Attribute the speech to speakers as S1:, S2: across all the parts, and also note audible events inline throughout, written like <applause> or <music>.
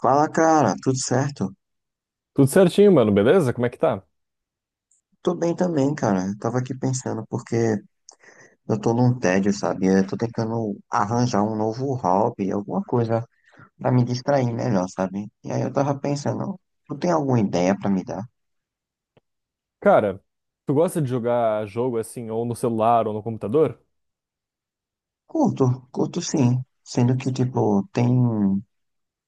S1: Fala, cara, tudo certo?
S2: Tudo certinho, mano, beleza? Como é que tá?
S1: Tô bem também, cara. Eu tava aqui pensando porque eu tô num tédio, sabe? Eu tô tentando arranjar um novo hobby, alguma coisa pra me distrair melhor, sabe? E aí eu tava pensando, tu tem alguma ideia pra me dar?
S2: Cara, tu gosta de jogar jogo assim, ou no celular ou no computador?
S1: Curto, curto sim. Sendo que, tipo, tem,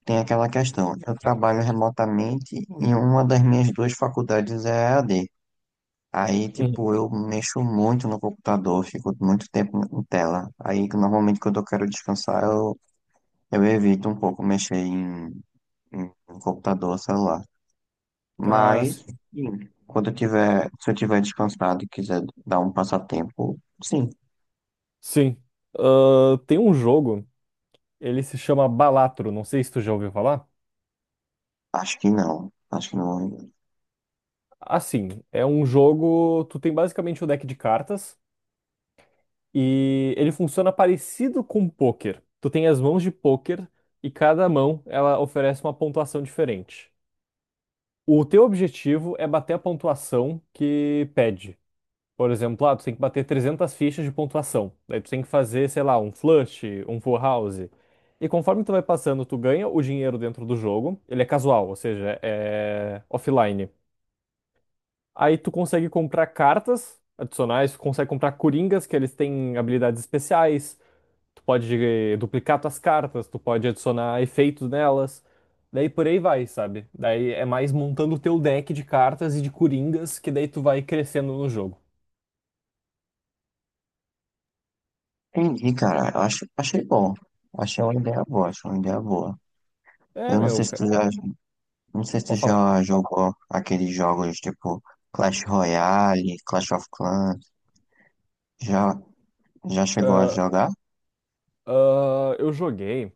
S1: tem aquela questão. Eu trabalho remotamente e uma das minhas duas faculdades é EAD. Aí,
S2: Uhum.
S1: tipo, eu mexo muito no computador, fico muito tempo em tela. Aí, normalmente, quando eu quero descansar, eu evito um pouco mexer em, em computador, celular.
S2: Ah,
S1: Mas,
S2: sim.
S1: sim, quando eu tiver, se eu tiver descansado e quiser dar um passatempo, sim,
S2: Sim. Ah, tem um jogo, ele se chama Balatro, não sei se tu já ouviu falar.
S1: acho que não. Acho que não.
S2: Assim, é um jogo. Tu tem basicamente o deck de cartas e ele funciona parecido com pôquer. Tu tem as mãos de pôquer e cada mão ela oferece uma pontuação diferente. O teu objetivo é bater a pontuação que pede. Por exemplo, ah, tu tem que bater 300 fichas de pontuação. Daí tu tem que fazer, sei lá, um flush, um full house. E conforme tu vai passando, tu ganha o dinheiro dentro do jogo. Ele é casual, ou seja, é offline. Aí tu consegue comprar cartas adicionais, tu consegue comprar coringas, que eles têm habilidades especiais. Tu pode duplicar tuas cartas, tu pode adicionar efeitos nelas. Daí por aí vai, sabe? Daí é mais montando o teu deck de cartas e de coringas que daí tu vai crescendo no jogo.
S1: Entendi, cara. Eu acho, achei bom. Achei uma ideia boa, achei uma ideia boa.
S2: É,
S1: Eu não
S2: meu,
S1: sei se tu já, não sei se tu
S2: pode falar.
S1: já jogou aqueles jogos, tipo, Clash Royale, Clash of Clans. Já, já chegou a
S2: Ah,
S1: jogar?
S2: ah, eu joguei,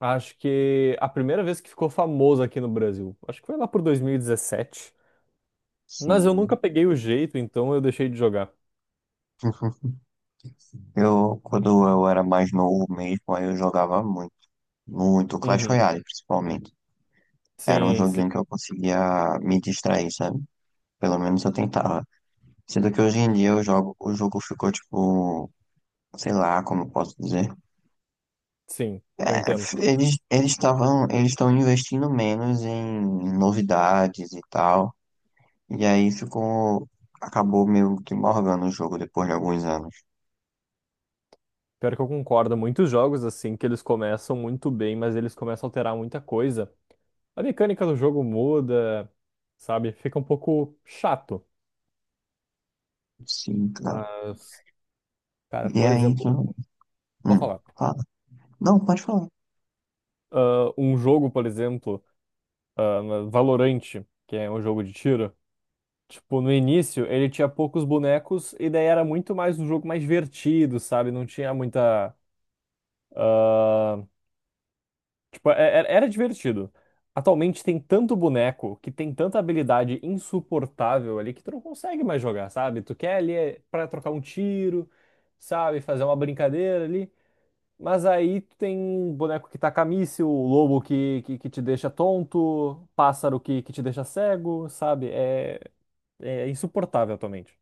S2: acho que a primeira vez que ficou famoso aqui no Brasil. Acho que foi lá por 2017. Mas eu
S1: Sim.
S2: nunca peguei o jeito, então eu deixei de jogar.
S1: <laughs> Eu, quando eu era mais novo mesmo, aí eu jogava muito. Muito Clash
S2: Uhum.
S1: Royale, principalmente. Era um
S2: Sim,
S1: joguinho
S2: sim.
S1: que eu conseguia me distrair, sabe? Pelo menos eu tentava. Sendo que hoje em dia eu jogo, o jogo ficou tipo, sei lá como eu posso dizer.
S2: Sim, eu
S1: É,
S2: entendo.
S1: eles estavam, eles estão investindo menos em novidades e tal. E aí ficou, acabou meio que morgando o jogo depois de alguns anos.
S2: Pior que eu concordo, muitos jogos assim que eles começam muito bem, mas eles começam a alterar muita coisa. A mecânica do jogo muda, sabe? Fica um pouco chato.
S1: Sim, cara.
S2: Mas, cara,
S1: E
S2: por
S1: aí,
S2: exemplo,
S1: tu...
S2: vou
S1: hum,
S2: falar.
S1: fala. Não, pode falar.
S2: Ah, um jogo, por exemplo, ah, Valorant, que é um jogo de tiro, tipo, no início ele tinha poucos bonecos e daí era muito mais um jogo mais divertido, sabe? Não tinha muita. ah, Tipo, era divertido. Atualmente tem tanto boneco que tem tanta habilidade insuportável ali que tu não consegue mais jogar, sabe? Tu quer ali é, pra trocar um tiro, sabe? Fazer uma brincadeira ali. Mas aí tu tem um boneco que taca míssil, o lobo que te deixa tonto, pássaro que te deixa cego, sabe? É, é insuportável atualmente.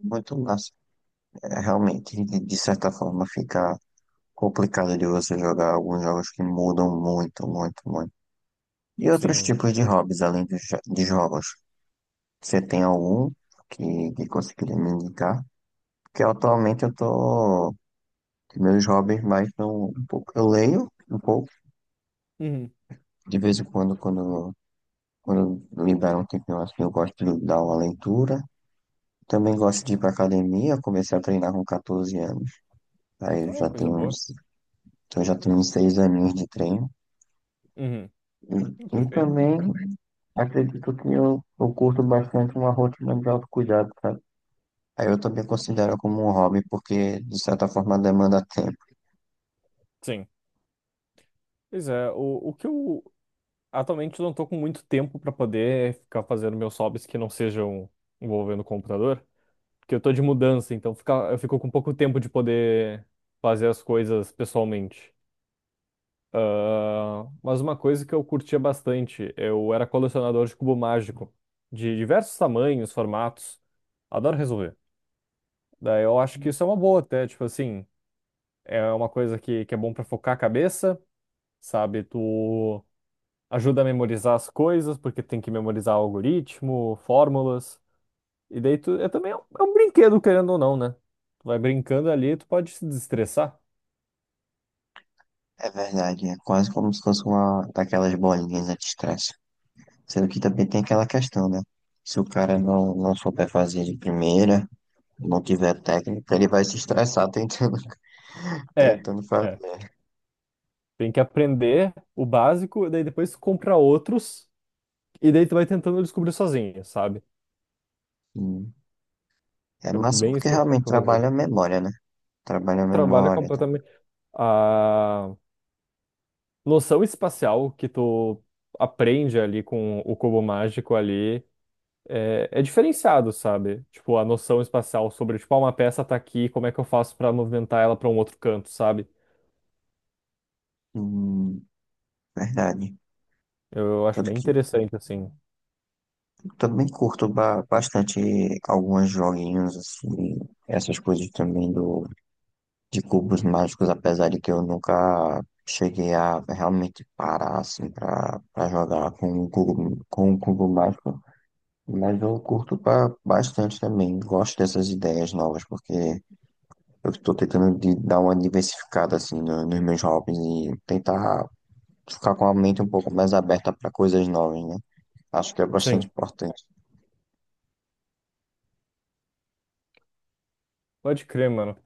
S1: Muito massa. É, realmente, de certa forma, fica complicado de você jogar alguns jogos que mudam muito, muito, muito. E outros
S2: Sim.
S1: tipos de hobbies, além dos, de jogos. Você tem algum que conseguiria me indicar? Porque atualmente eu tô... que meus hobbies mais são um pouco... Eu leio um pouco.
S2: Uhum.
S1: De vez em quando, quando me dá um tempinho assim, eu gosto de dar uma leitura. Também gosto de ir pra academia, eu comecei a treinar com 14 anos. Aí eu
S2: Não é
S1: já
S2: coisa
S1: tenho
S2: boa.
S1: uns, então eu já tenho uns 6 aninhos de treino.
S2: Uhum.
S1: E, e
S2: Perfeito.
S1: também acredito que eu curto bastante uma rotina de autocuidado, sabe? Aí eu também considero como um hobby, porque de certa forma demanda tempo.
S2: Sim. Pois é. O que eu Atualmente eu não estou com muito tempo para poder ficar fazendo meus hobbies que não sejam envolvendo o computador, porque eu estou de mudança, então fica, eu fico com pouco tempo de poder fazer as coisas pessoalmente. Ah, mas uma coisa que eu curtia bastante, eu era colecionador de cubo mágico, de diversos tamanhos, formatos. Adoro resolver. Daí eu acho que isso é uma boa até, tipo assim, é uma coisa que é bom para focar a cabeça, sabe? Tu ajuda a memorizar as coisas, porque tem que memorizar algoritmo, fórmulas. E daí tu, é também é um brinquedo, querendo ou não, né? Tu vai brincando ali, tu pode se desestressar.
S1: É verdade, é quase como se fosse uma daquelas bolinhas né, de estresse. Sendo que também tem aquela questão, né? Se o cara não souber fazer de primeira, não tiver técnica, ele vai se estressar tentando, <laughs>
S2: É,
S1: tentando
S2: é.
S1: fazer.
S2: Tem que aprender o básico, e daí depois tu compra outros, e daí tu vai tentando descobrir sozinho, sabe?
S1: Sim. É
S2: É
S1: massa
S2: bem isso que
S1: porque
S2: eu, que
S1: realmente
S2: eu
S1: trabalha
S2: fazia.
S1: a memória, né? Trabalha a
S2: Trabalha
S1: memória, tá?
S2: completamente. ah, noção espacial que tu aprende ali com o cubo mágico ali é, é diferenciado, sabe? Tipo, a noção espacial sobre, tipo, uma peça tá aqui, como é que eu faço pra movimentar ela pra um outro canto, sabe?
S1: Hum, verdade.
S2: Eu acho
S1: Tanto
S2: bem
S1: que
S2: interessante, assim.
S1: eu também curto bastante alguns joguinhos, assim, essas coisas também do, de cubos mágicos, apesar de que eu nunca cheguei a realmente parar, assim, pra jogar com um cubo mágico. Mas eu curto bastante também. Gosto dessas ideias novas, porque eu estou tentando de dar uma diversificada assim nos meus hobbies e tentar ficar com a mente um pouco mais aberta para coisas novas, né? Acho que é bastante
S2: Sim,
S1: importante.
S2: pode crer, mano.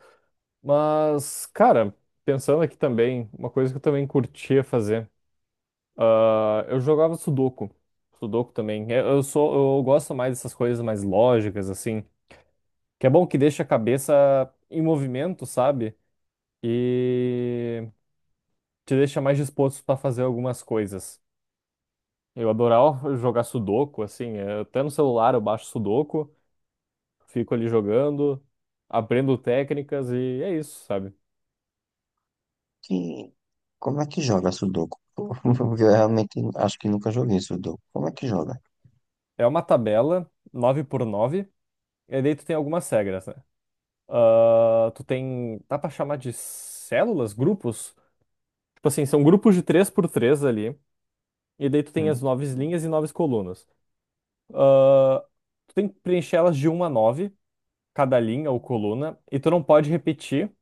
S2: Mas, cara, pensando aqui também, uma coisa que eu também curtia fazer, eu jogava Sudoku. Sudoku também. Eu sou, eu gosto mais dessas coisas mais lógicas, assim. Que é bom que deixa a cabeça em movimento, sabe? E te deixa mais disposto para fazer algumas coisas. Eu adorava jogar Sudoku, assim, até no celular eu baixo Sudoku, fico ali jogando, aprendo técnicas e é isso, sabe?
S1: Que como é que joga Sudoku? <laughs> Eu realmente acho que nunca joguei Sudoku. Como é que joga?
S2: É uma tabela nove por nove e daí tu tem algumas regras, né? Ah, tu tem, dá pra chamar de células, grupos? Tipo assim, são grupos de 3 por 3 ali, e daí tu tem as
S1: Hum.
S2: nove linhas e nove colunas. Ah, tu tem que preencher elas de uma a 9, cada linha ou coluna, e tu não pode repetir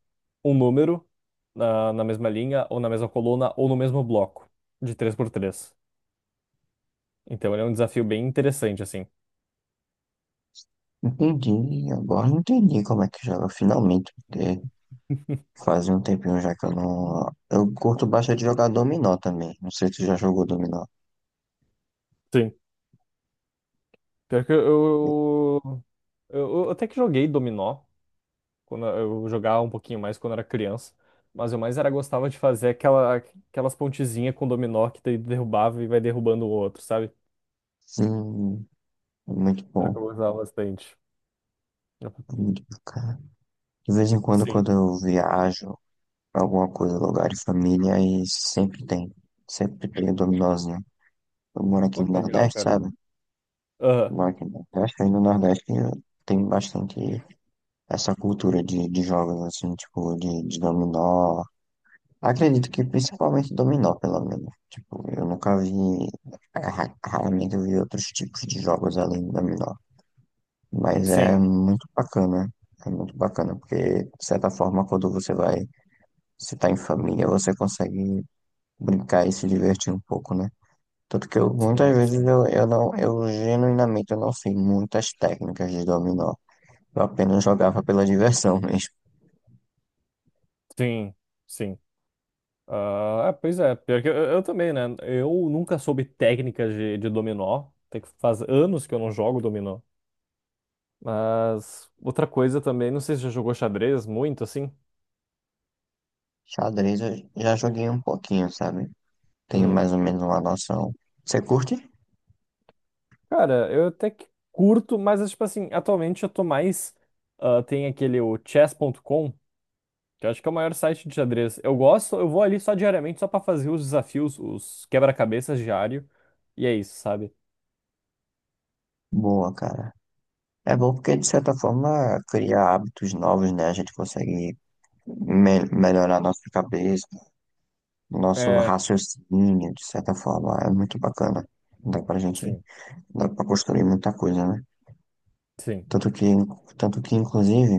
S2: um número na mesma linha, ou na mesma coluna, ou no mesmo bloco, de três por três. Então ele é um desafio bem interessante, assim.
S1: Entendi, agora eu entendi como é que joga, finalmente, porque faz um tempinho já que eu não. Eu curto bastante jogar dominó também. Não sei se tu já jogou dominó.
S2: Sim. Pior que eu, eu até que joguei dominó, quando eu jogava um pouquinho mais quando era criança, mas eu mais era gostava de fazer aquela, aquelas pontezinhas com dominó que daí derrubava e vai derrubando o outro, sabe?
S1: Sim, é muito
S2: Era o que
S1: bom.
S2: eu gostava bastante.
S1: É muito bacana. De vez em quando,
S2: Sim.
S1: quando eu viajo pra alguma coisa, lugar de família, aí sempre tem. Sempre tem o dominós, né. Eu moro aqui
S2: Pô,
S1: no
S2: que legal,
S1: Nordeste,
S2: cara.
S1: sabe?
S2: Aham.
S1: Eu moro aqui no Nordeste, aí no Nordeste tem bastante essa cultura de jogos, assim, tipo, de dominó. Acredito que principalmente dominó, pelo menos. Tipo, eu nunca vi, é, raramente eu vi outros tipos de jogos além do dominó. Mas é
S2: Sim,
S1: muito bacana. É muito bacana, porque, de certa forma, quando você vai se tá em família, você consegue brincar e se divertir um pouco, né? Tanto que eu, muitas
S2: sim,
S1: vezes
S2: sim.
S1: eu genuinamente eu não sei muitas técnicas de dominó. Eu apenas jogava pela diversão <laughs> mesmo.
S2: Sim, sim. É, pois é, pior que eu também, né? Eu nunca soube técnicas de dominó. Tem que faz anos que eu não jogo dominó. Mas outra coisa também, não sei se já jogou xadrez muito assim.
S1: Xadrez eu já joguei um pouquinho, sabe? Tenho
S2: Uhum.
S1: mais ou menos uma noção. Você curte?
S2: Cara, eu até que curto, mas é tipo assim, atualmente eu tô mais. Tem aquele o chess.com, que eu acho que é o maior site de xadrez. Eu gosto, eu vou ali só diariamente, só pra fazer os desafios, os quebra-cabeças diário. E é isso, sabe?
S1: Boa, cara. É bom porque, de certa forma, cria hábitos novos, né? A gente consegue me melhorar nossa cabeça, nosso
S2: É,
S1: raciocínio, de certa forma. É muito bacana. Dá pra gente
S2: sim,
S1: dá pra construir muita coisa, né?
S2: sim.
S1: Tanto que, tanto que, inclusive,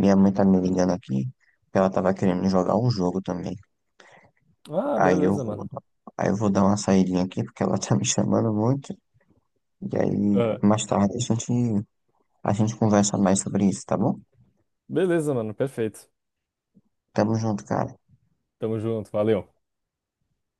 S1: minha mãe tá me ligando aqui, que ela tava querendo jogar um jogo também.
S2: Ah,
S1: Aí eu
S2: beleza,
S1: vou,
S2: mano.
S1: aí eu vou dar uma saidinha aqui, porque ela <laughs> tá me chamando muito. E aí,
S2: Ah,
S1: mais tarde, a gente conversa mais sobre isso, tá bom?
S2: beleza, mano, perfeito.
S1: Tamo junto, cara.
S2: Tamo junto, valeu.